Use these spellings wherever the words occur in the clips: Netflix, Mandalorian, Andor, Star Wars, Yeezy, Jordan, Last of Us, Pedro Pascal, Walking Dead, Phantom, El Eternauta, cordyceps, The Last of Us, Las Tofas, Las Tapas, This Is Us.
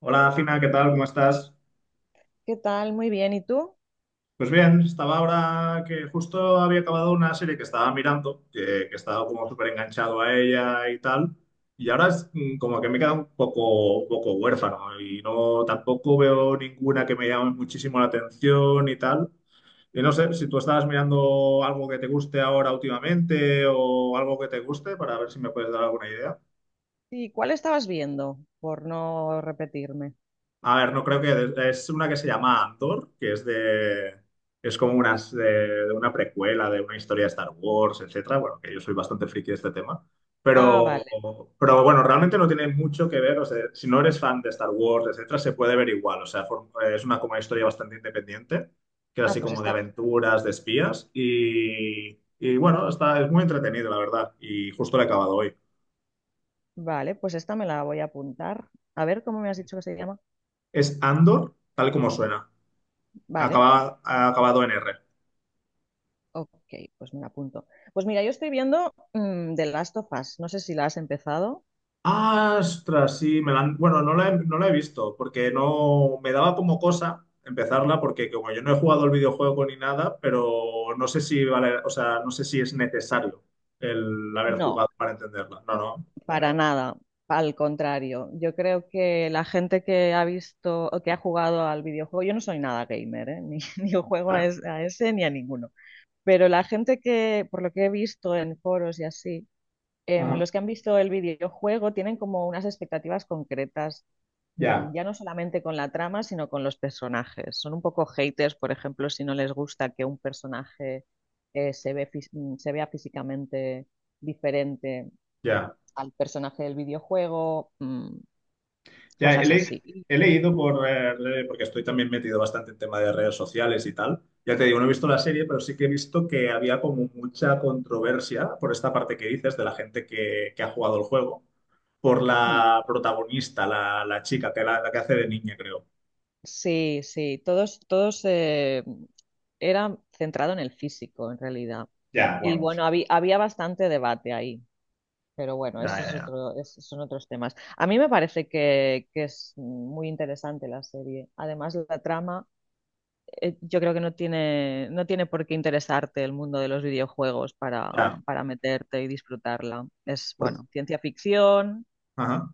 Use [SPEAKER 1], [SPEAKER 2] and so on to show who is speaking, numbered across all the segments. [SPEAKER 1] Hola, Fina, ¿qué tal? ¿Cómo estás?
[SPEAKER 2] ¿Qué tal? Muy bien. ¿Y tú?
[SPEAKER 1] Pues bien, estaba ahora que justo había acabado una serie que estaba mirando, que estaba como súper enganchado a ella y tal, y ahora es como que me queda un poco huérfano y no tampoco veo ninguna que me llame muchísimo la atención y tal. Y no sé si tú estabas mirando algo que te guste ahora últimamente o algo que te guste para ver si me puedes dar alguna idea.
[SPEAKER 2] ¿Y cuál estabas viendo? Por no repetirme.
[SPEAKER 1] A ver, no creo que... Es una que se llama Andor, que es de... Es como una, de una precuela de una historia de Star Wars, etcétera. Bueno, que yo soy bastante friki de este tema.
[SPEAKER 2] Ah,
[SPEAKER 1] Pero,
[SPEAKER 2] vale.
[SPEAKER 1] pero bueno, realmente no tiene mucho que ver. O sea, si no eres fan de Star Wars, etcétera, se puede ver igual. O sea, for- es una, como una historia bastante independiente, que es así
[SPEAKER 2] Ah, pues
[SPEAKER 1] como de
[SPEAKER 2] esta.
[SPEAKER 1] aventuras, de espías. Y bueno, está, es muy entretenido, la verdad. Y justo lo he acabado hoy.
[SPEAKER 2] Vale, pues esta me la voy a apuntar. A ver, ¿cómo me has dicho que se llama?
[SPEAKER 1] Es Andor, tal como suena.
[SPEAKER 2] Vale.
[SPEAKER 1] Acaba, ha acabado en R.
[SPEAKER 2] Ok, pues me la apunto. Pues mira, yo estoy viendo The Last of Us. ¿No sé si la has empezado?
[SPEAKER 1] Ah, ostras, sí, me la han- bueno, no la he, no la he visto porque no me daba como cosa empezarla porque como yo no he jugado el videojuego ni nada, pero no sé si vale, o sea, no sé si es necesario el haber jugado
[SPEAKER 2] No,
[SPEAKER 1] para entenderla. No, no. Vale,
[SPEAKER 2] para
[SPEAKER 1] vale,
[SPEAKER 2] nada. Al contrario, yo creo que la gente que ha visto o que ha jugado al videojuego, yo no soy nada gamer, ¿eh? Ni juego a,
[SPEAKER 1] vale.
[SPEAKER 2] a ese ni a ninguno. Pero la gente que, por lo que he visto en foros y así,
[SPEAKER 1] Ajá.
[SPEAKER 2] los que han visto el videojuego tienen como unas expectativas concretas,
[SPEAKER 1] Ya,
[SPEAKER 2] ya no solamente con la trama, sino con los personajes. Son un poco haters, por ejemplo, si no les gusta que un personaje se ve fis- mm, se vea físicamente diferente
[SPEAKER 1] ya.
[SPEAKER 2] al personaje del videojuego,
[SPEAKER 1] Ya he,
[SPEAKER 2] cosas
[SPEAKER 1] le-
[SPEAKER 2] así.
[SPEAKER 1] he leído por re- porque estoy también metido bastante en tema de redes sociales y tal. Ya te digo, no he visto la serie, pero sí que he visto que había como mucha controversia por esta parte que dices de la gente que ha jugado el juego por
[SPEAKER 2] Mm.
[SPEAKER 1] la protagonista, la chica, que la que hace de niña, creo.
[SPEAKER 2] Sí, sí, todos, todos, era centrado en el físico en realidad.
[SPEAKER 1] Ya,
[SPEAKER 2] Y
[SPEAKER 1] bueno.
[SPEAKER 2] bueno, había, había bastante debate ahí, pero bueno,
[SPEAKER 1] Ya, ya, ya.
[SPEAKER 2] esos son otros temas. A mí me parece que es muy interesante la serie. Además, la trama, yo creo que no tiene, no tiene por qué interesarte el mundo de los videojuegos
[SPEAKER 1] Ya.
[SPEAKER 2] para meterte y disfrutarla. Es, bueno, ciencia ficción
[SPEAKER 1] Ajá.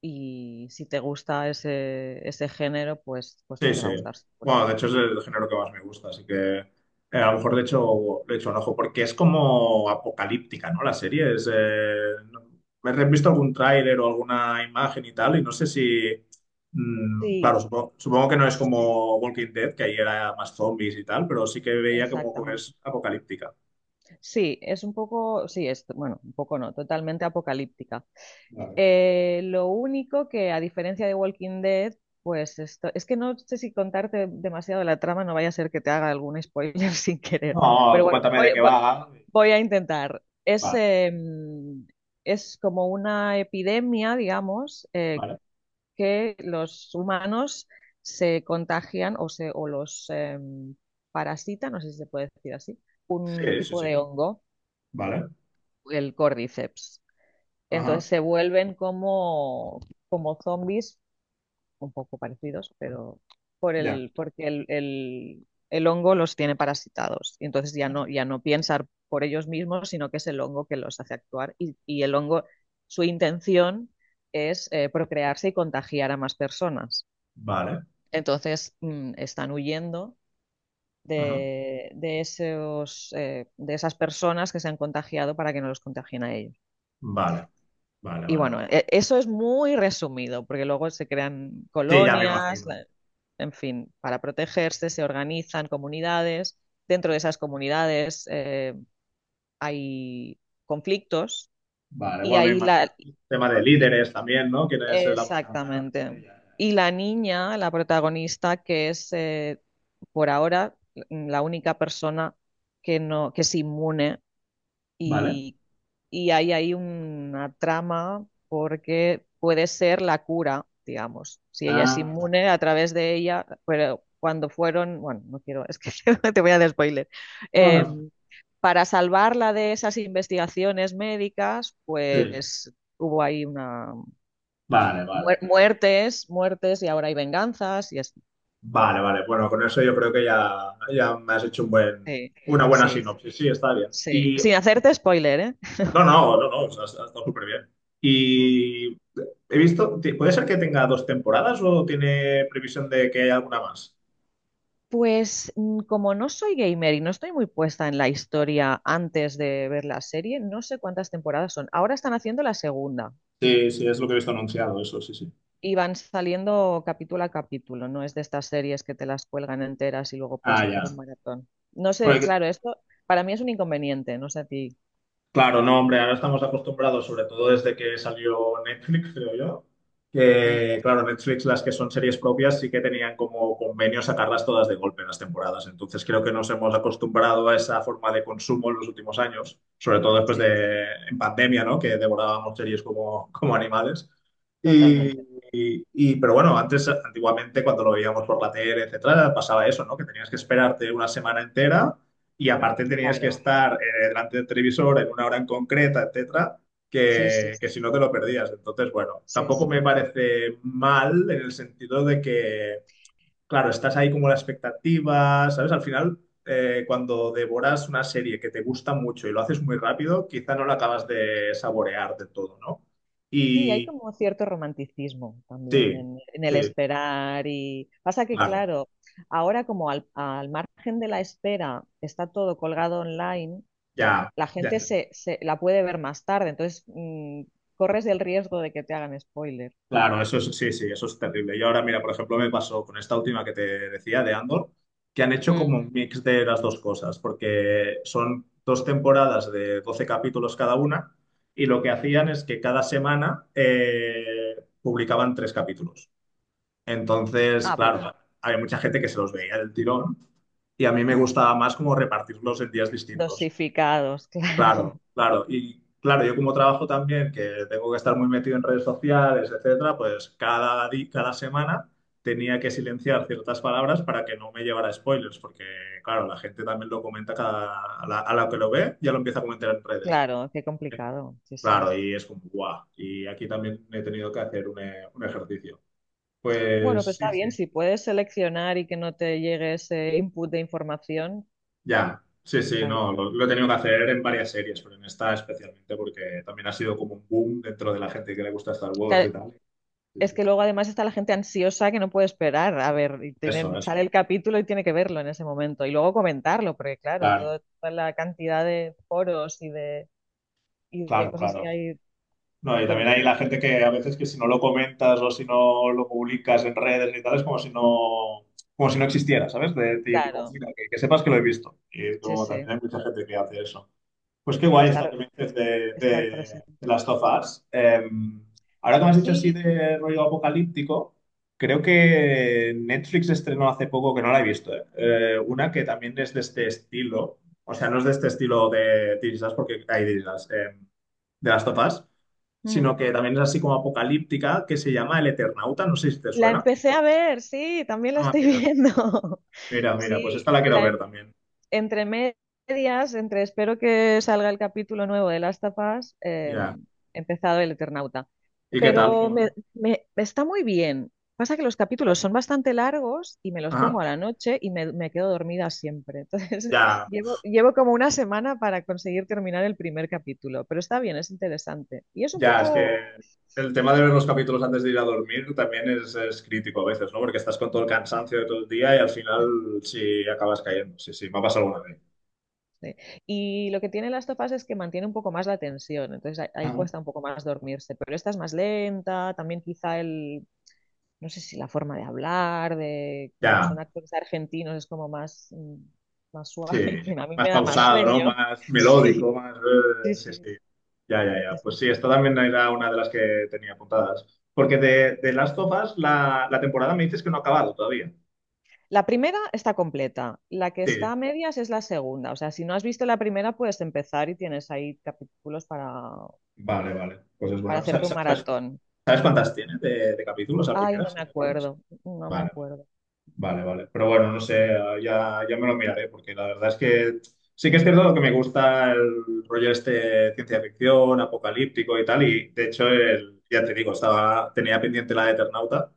[SPEAKER 2] y si te gusta ese, ese género, pues, pues
[SPEAKER 1] Sí,
[SPEAKER 2] te
[SPEAKER 1] sí.
[SPEAKER 2] va a gustar seguro.
[SPEAKER 1] Bueno, de hecho es el género que más me gusta, así que a lo mejor le echo un ojo, porque es como apocalíptica, ¿no? La serie es... no- me he visto algún tráiler o alguna imagen y tal, y no sé si... claro,
[SPEAKER 2] Sí,
[SPEAKER 1] supongo, supongo que no es
[SPEAKER 2] sí,
[SPEAKER 1] como Walking Dead, que ahí era más zombies y tal, pero sí que veía como que
[SPEAKER 2] exactamente.
[SPEAKER 1] es apocalíptica.
[SPEAKER 2] Sí, es un poco, sí, es, bueno, un poco no, totalmente apocalíptica.
[SPEAKER 1] Vale.
[SPEAKER 2] Lo único que, a diferencia de Walking Dead, pues esto, es que no sé si contarte demasiado la trama, no vaya a ser que te haga algún spoiler sin querer.
[SPEAKER 1] No,
[SPEAKER 2] Pero
[SPEAKER 1] tú
[SPEAKER 2] bueno,
[SPEAKER 1] cuéntame de qué va.
[SPEAKER 2] voy a intentar. Es,
[SPEAKER 1] Vale.
[SPEAKER 2] es como una epidemia, digamos,
[SPEAKER 1] Vale.
[SPEAKER 2] que los humanos se contagian o los parasitan, no sé si se puede decir así, un
[SPEAKER 1] Sí, sí,
[SPEAKER 2] tipo
[SPEAKER 1] sí.
[SPEAKER 2] de hongo,
[SPEAKER 1] Vale.
[SPEAKER 2] el cordyceps. Entonces
[SPEAKER 1] Ajá.
[SPEAKER 2] se vuelven como, como zombies, un poco parecidos, pero
[SPEAKER 1] Ya.
[SPEAKER 2] porque el hongo los tiene parasitados. Y entonces ya no, ya no piensan por ellos mismos, sino que es el hongo que los hace actuar. Y el hongo, su intención es procrearse y contagiar a más personas.
[SPEAKER 1] Vale.
[SPEAKER 2] Entonces, están huyendo
[SPEAKER 1] Ajá.
[SPEAKER 2] de, de esas personas que se han contagiado para que no los contagien a ellos.
[SPEAKER 1] Vale. Vale,
[SPEAKER 2] Y
[SPEAKER 1] vale,
[SPEAKER 2] bueno,
[SPEAKER 1] vale.
[SPEAKER 2] eso es muy resumido, porque luego se crean
[SPEAKER 1] Sí, ya me
[SPEAKER 2] colonias,
[SPEAKER 1] imagino.
[SPEAKER 2] en fin, para protegerse, se organizan comunidades. Dentro de esas comunidades hay conflictos
[SPEAKER 1] Vale,
[SPEAKER 2] y
[SPEAKER 1] bueno, me
[SPEAKER 2] ahí la,
[SPEAKER 1] imagino. Tema de líderes también, ¿no? ¿Quién es el
[SPEAKER 2] exactamente.
[SPEAKER 1] aguantante? Ya, ya, ya.
[SPEAKER 2] Y la niña, la protagonista, que es por ahora la única persona que no, que es inmune
[SPEAKER 1] Vale.
[SPEAKER 2] y, y hay ahí una trama porque puede ser la cura, digamos. Si ella es
[SPEAKER 1] Ah, vale.
[SPEAKER 2] inmune a través de ella, pero cuando fueron, bueno, no quiero, es que te voy a dar spoiler.
[SPEAKER 1] No, no.
[SPEAKER 2] Em, para salvarla de esas investigaciones médicas,
[SPEAKER 1] Sí.
[SPEAKER 2] pues hubo ahí una
[SPEAKER 1] Vale, vale, vale.
[SPEAKER 2] Muertes, muertes y ahora hay venganzas y así.
[SPEAKER 1] Vale, vale. Bueno, con eso yo creo que ya, ya me has hecho un buen,
[SPEAKER 2] Sí,
[SPEAKER 1] una buena
[SPEAKER 2] sí,
[SPEAKER 1] sinopsis. Sí, está bien.
[SPEAKER 2] sí.
[SPEAKER 1] Y
[SPEAKER 2] Sin hacerte spoiler, ¿eh?
[SPEAKER 1] no, no, no, no, o sea, ha, ha estado súper bien.
[SPEAKER 2] Mm.
[SPEAKER 1] Y he visto, ti- ¿puede ser que tenga 2 temporadas o tiene previsión de que haya alguna más?
[SPEAKER 2] Pues como no soy gamer y no estoy muy puesta en la historia antes de ver la serie, no sé cuántas temporadas son. Ahora están haciendo la segunda
[SPEAKER 1] Sí, sí, es lo que he visto anunciado, eso, sí, sí.
[SPEAKER 2] y van saliendo capítulo a capítulo, no es de estas series que te las cuelgan enteras y luego
[SPEAKER 1] Ah,
[SPEAKER 2] puedes
[SPEAKER 1] ya.
[SPEAKER 2] hacer un maratón. No sé,
[SPEAKER 1] Porque
[SPEAKER 2] claro, esto para mí es un inconveniente, no sé a ti.
[SPEAKER 1] claro, no, hombre, ahora estamos acostumbrados, sobre todo desde que salió Netflix, creo yo,
[SPEAKER 2] Mm,
[SPEAKER 1] que, claro, Netflix, las que son series propias, sí que tenían como convenio sacarlas todas de golpe en las temporadas. Entonces, creo que nos hemos acostumbrado a esa forma de consumo en los últimos años, sobre todo después
[SPEAKER 2] sí,
[SPEAKER 1] de, en pandemia, ¿no? Que devorábamos series como, como animales.
[SPEAKER 2] totalmente.
[SPEAKER 1] Y, pero bueno, antes, antiguamente, cuando lo veíamos por la tele, etcétera, pasaba eso, ¿no? Que tenías que esperarte una semana entera y aparte tenías que
[SPEAKER 2] Claro,
[SPEAKER 1] estar delante del televisor en una hora en concreta, etcétera,
[SPEAKER 2] sí, sí,
[SPEAKER 1] que si no te lo perdías. Entonces, bueno,
[SPEAKER 2] sí,
[SPEAKER 1] tampoco
[SPEAKER 2] sí.
[SPEAKER 1] me parece mal en el sentido de que, claro, estás ahí como la expectativa, ¿sabes? Al final, cuando devoras una serie que te gusta mucho y lo haces muy rápido, quizá no la acabas de saborear de todo, ¿no?
[SPEAKER 2] Sí, hay
[SPEAKER 1] Y
[SPEAKER 2] como cierto romanticismo también
[SPEAKER 1] sí,
[SPEAKER 2] en el
[SPEAKER 1] sí,
[SPEAKER 2] esperar y pasa que,
[SPEAKER 1] claro,
[SPEAKER 2] claro, ahora como al, al margen de la espera está todo colgado online,
[SPEAKER 1] ya,
[SPEAKER 2] la
[SPEAKER 1] ya.
[SPEAKER 2] gente se, se- la puede ver más tarde, entonces corres el riesgo de que te hagan spoiler.
[SPEAKER 1] Claro, eso es, sí, sí, eso es terrible. Y ahora, mira, por ejemplo, me pasó con esta última que te decía de Andor, que han hecho
[SPEAKER 2] Mm.
[SPEAKER 1] como un mix de las dos cosas, porque son 2 temporadas de 12 capítulos cada una, y lo que hacían es que cada semana publicaban 3 capítulos. Entonces,
[SPEAKER 2] Ah, bueno,
[SPEAKER 1] claro, había mucha gente que se los veía del tirón, y a mí me
[SPEAKER 2] mm.
[SPEAKER 1] gustaba más como repartirlos en días distintos.
[SPEAKER 2] Dosificados,
[SPEAKER 1] Claro,
[SPEAKER 2] claro,
[SPEAKER 1] claro. Y claro, yo como trabajo también, que tengo que estar muy metido en redes sociales, etcétera, pues cada semana tenía que silenciar ciertas palabras para que no me llevara spoilers, porque claro, la gente también lo comenta cada, a la que lo ve, ya lo empieza a comentar en redes.
[SPEAKER 2] claro, qué complicado, sí, sí.
[SPEAKER 1] Claro, y es como, guau. Y aquí también he tenido que hacer un, e- un ejercicio.
[SPEAKER 2] Bueno,
[SPEAKER 1] Pues
[SPEAKER 2] pues
[SPEAKER 1] sí,
[SPEAKER 2] está
[SPEAKER 1] sí.
[SPEAKER 2] bien, si puedes seleccionar y que no te llegue ese input de información,
[SPEAKER 1] Ya, sí, sí,
[SPEAKER 2] está
[SPEAKER 1] no,
[SPEAKER 2] bien.
[SPEAKER 1] lo he tenido que hacer en varias series, pero en esta especialmente porque también ha sido como un boom dentro de la gente que le gusta Star Wars y
[SPEAKER 2] Claro,
[SPEAKER 1] tal. Sí,
[SPEAKER 2] es
[SPEAKER 1] sí.
[SPEAKER 2] que luego además está la gente ansiosa que no puede esperar. A ver, y
[SPEAKER 1] Eso,
[SPEAKER 2] tienen,
[SPEAKER 1] eso.
[SPEAKER 2] sale el capítulo y tiene que verlo en ese momento. Y luego comentarlo, porque claro,
[SPEAKER 1] Claro,
[SPEAKER 2] toda la cantidad de foros y de
[SPEAKER 1] claro,
[SPEAKER 2] cosas que
[SPEAKER 1] claro.
[SPEAKER 2] hay
[SPEAKER 1] No, y también
[SPEAKER 2] que,
[SPEAKER 1] hay
[SPEAKER 2] que-
[SPEAKER 1] la gente que a veces que si no lo comentas o si no lo publicas en redes y tal, es como si no existiera, ¿sabes? De, decir, como,
[SPEAKER 2] claro,
[SPEAKER 1] mira, que sepas que lo he visto. Y es
[SPEAKER 2] sí,
[SPEAKER 1] como
[SPEAKER 2] sí,
[SPEAKER 1] también hay mucha gente que hace eso. Pues qué
[SPEAKER 2] sí, de
[SPEAKER 1] guay esta
[SPEAKER 2] estar,
[SPEAKER 1] que me dices
[SPEAKER 2] estar
[SPEAKER 1] de
[SPEAKER 2] presente.
[SPEAKER 1] Last of Us. Ahora que me has dicho así
[SPEAKER 2] Sí.
[SPEAKER 1] de rollo apocalíptico, creo que Netflix estrenó hace poco, que no la he visto, una que también es de este estilo. O sea, no es de este estilo de This Is Us, porque hay This Is Us, de Last of Us,
[SPEAKER 2] Ujú.
[SPEAKER 1] sino que también es así como apocalíptica, que se llama El Eternauta. No sé si te
[SPEAKER 2] La
[SPEAKER 1] suena.
[SPEAKER 2] empecé a ver, sí, también la
[SPEAKER 1] Ah,
[SPEAKER 2] estoy
[SPEAKER 1] mira,
[SPEAKER 2] viendo.
[SPEAKER 1] mira, mira, pues
[SPEAKER 2] Sí,
[SPEAKER 1] esta la quiero
[SPEAKER 2] la,
[SPEAKER 1] ver también.
[SPEAKER 2] entre medias, entre espero que salga el capítulo nuevo de Las Tapas,
[SPEAKER 1] Ya.
[SPEAKER 2] he empezado El Eternauta.
[SPEAKER 1] ¿Y qué tal?
[SPEAKER 2] Pero
[SPEAKER 1] ¿Cómo?
[SPEAKER 2] está muy bien. Pasa que los capítulos son bastante largos y me los pongo
[SPEAKER 1] Ajá.
[SPEAKER 2] a la noche y me quedo dormida siempre. Entonces,
[SPEAKER 1] Ya,
[SPEAKER 2] llevo, llevo como una semana para conseguir terminar el primer capítulo, pero está bien, es interesante. Y es un
[SPEAKER 1] ya, es que
[SPEAKER 2] poco...
[SPEAKER 1] el tema de ver los capítulos antes de ir a dormir también es crítico a veces, ¿no? Porque estás con todo el cansancio de todo el día y al final sí acabas cayendo. Sí, sí, me ha pasado alguna vez.
[SPEAKER 2] sí. Y lo que tiene Las Tofas es que mantiene un poco más la tensión, entonces ahí, ahí
[SPEAKER 1] Ah,
[SPEAKER 2] cuesta un poco más dormirse, pero esta es más lenta, también quizá el, no sé si la forma de hablar, de como son
[SPEAKER 1] ya,
[SPEAKER 2] actores argentinos, es como más, más suave.
[SPEAKER 1] sí.
[SPEAKER 2] A mí
[SPEAKER 1] Más
[SPEAKER 2] me da más
[SPEAKER 1] pausado, ¿no?
[SPEAKER 2] sueño.
[SPEAKER 1] Más
[SPEAKER 2] Sí,
[SPEAKER 1] melódico, más...
[SPEAKER 2] sí,
[SPEAKER 1] sí,
[SPEAKER 2] sí.
[SPEAKER 1] sí. Ya, ya, ya.
[SPEAKER 2] es-
[SPEAKER 1] Pues sí, esta también era una de las que tenía apuntadas. Porque de Last of Us, la temporada me dices que no ha acabado todavía.
[SPEAKER 2] La primera está completa, la que está
[SPEAKER 1] Sí.
[SPEAKER 2] a medias es la segunda. O sea, si no has visto la primera, puedes empezar y tienes ahí capítulos
[SPEAKER 1] Vale, vale. Pues es
[SPEAKER 2] para
[SPEAKER 1] bueno. Sa-
[SPEAKER 2] hacerte un
[SPEAKER 1] sa- ¿Sabes,
[SPEAKER 2] maratón.
[SPEAKER 1] sabes cuántas tiene de capítulos a
[SPEAKER 2] Ay, no
[SPEAKER 1] primeras,
[SPEAKER 2] me
[SPEAKER 1] si te acuerdas?
[SPEAKER 2] acuerdo, no me
[SPEAKER 1] Vale, vale.
[SPEAKER 2] acuerdo.
[SPEAKER 1] Vale, vale. Pero bueno, no sé, ya, ya me lo miraré, porque la verdad es que sí que es cierto que me gusta el rollo este ciencia ficción, apocalíptico y tal, y de hecho, el- ya te digo, estaba, tenía pendiente la de Eternauta.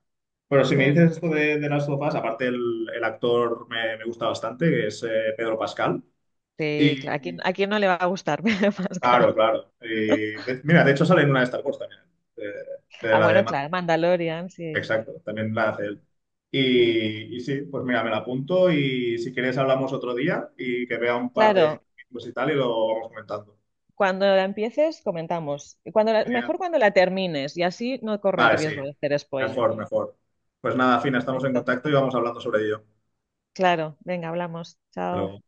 [SPEAKER 1] Pero si me
[SPEAKER 2] Mm,
[SPEAKER 1] dices esto de las of aparte el actor me, me gusta bastante, que es Pedro Pascal.
[SPEAKER 2] sí,
[SPEAKER 1] Y,
[SPEAKER 2] claro,
[SPEAKER 1] y-
[SPEAKER 2] a quién no le va a gustar, Pedro
[SPEAKER 1] claro,
[SPEAKER 2] Pascal?
[SPEAKER 1] claro. Y de- mira, de hecho sale en una de Star Wars también, eh, de,
[SPEAKER 2] Ah,
[SPEAKER 1] la de
[SPEAKER 2] bueno, claro, Mandalorian, sí.
[SPEAKER 1] Exacto, también la hace él.
[SPEAKER 2] Mm.
[SPEAKER 1] Y sí, pues mira, me la apunto y si quieres hablamos otro día y que vea un par de
[SPEAKER 2] Claro,
[SPEAKER 1] vídeos y tal y lo vamos comentando.
[SPEAKER 2] cuando la empieces, comentamos. Y
[SPEAKER 1] Genial.
[SPEAKER 2] mejor cuando la termines y así no corre el
[SPEAKER 1] Vale, sí.
[SPEAKER 2] riesgo de hacer spoiler.
[SPEAKER 1] Mejor, mejor. Pues nada, Fina, estamos en
[SPEAKER 2] Perfecto.
[SPEAKER 1] contacto y vamos hablando sobre ello.
[SPEAKER 2] Claro, venga, hablamos.
[SPEAKER 1] Hasta
[SPEAKER 2] Chao.
[SPEAKER 1] luego.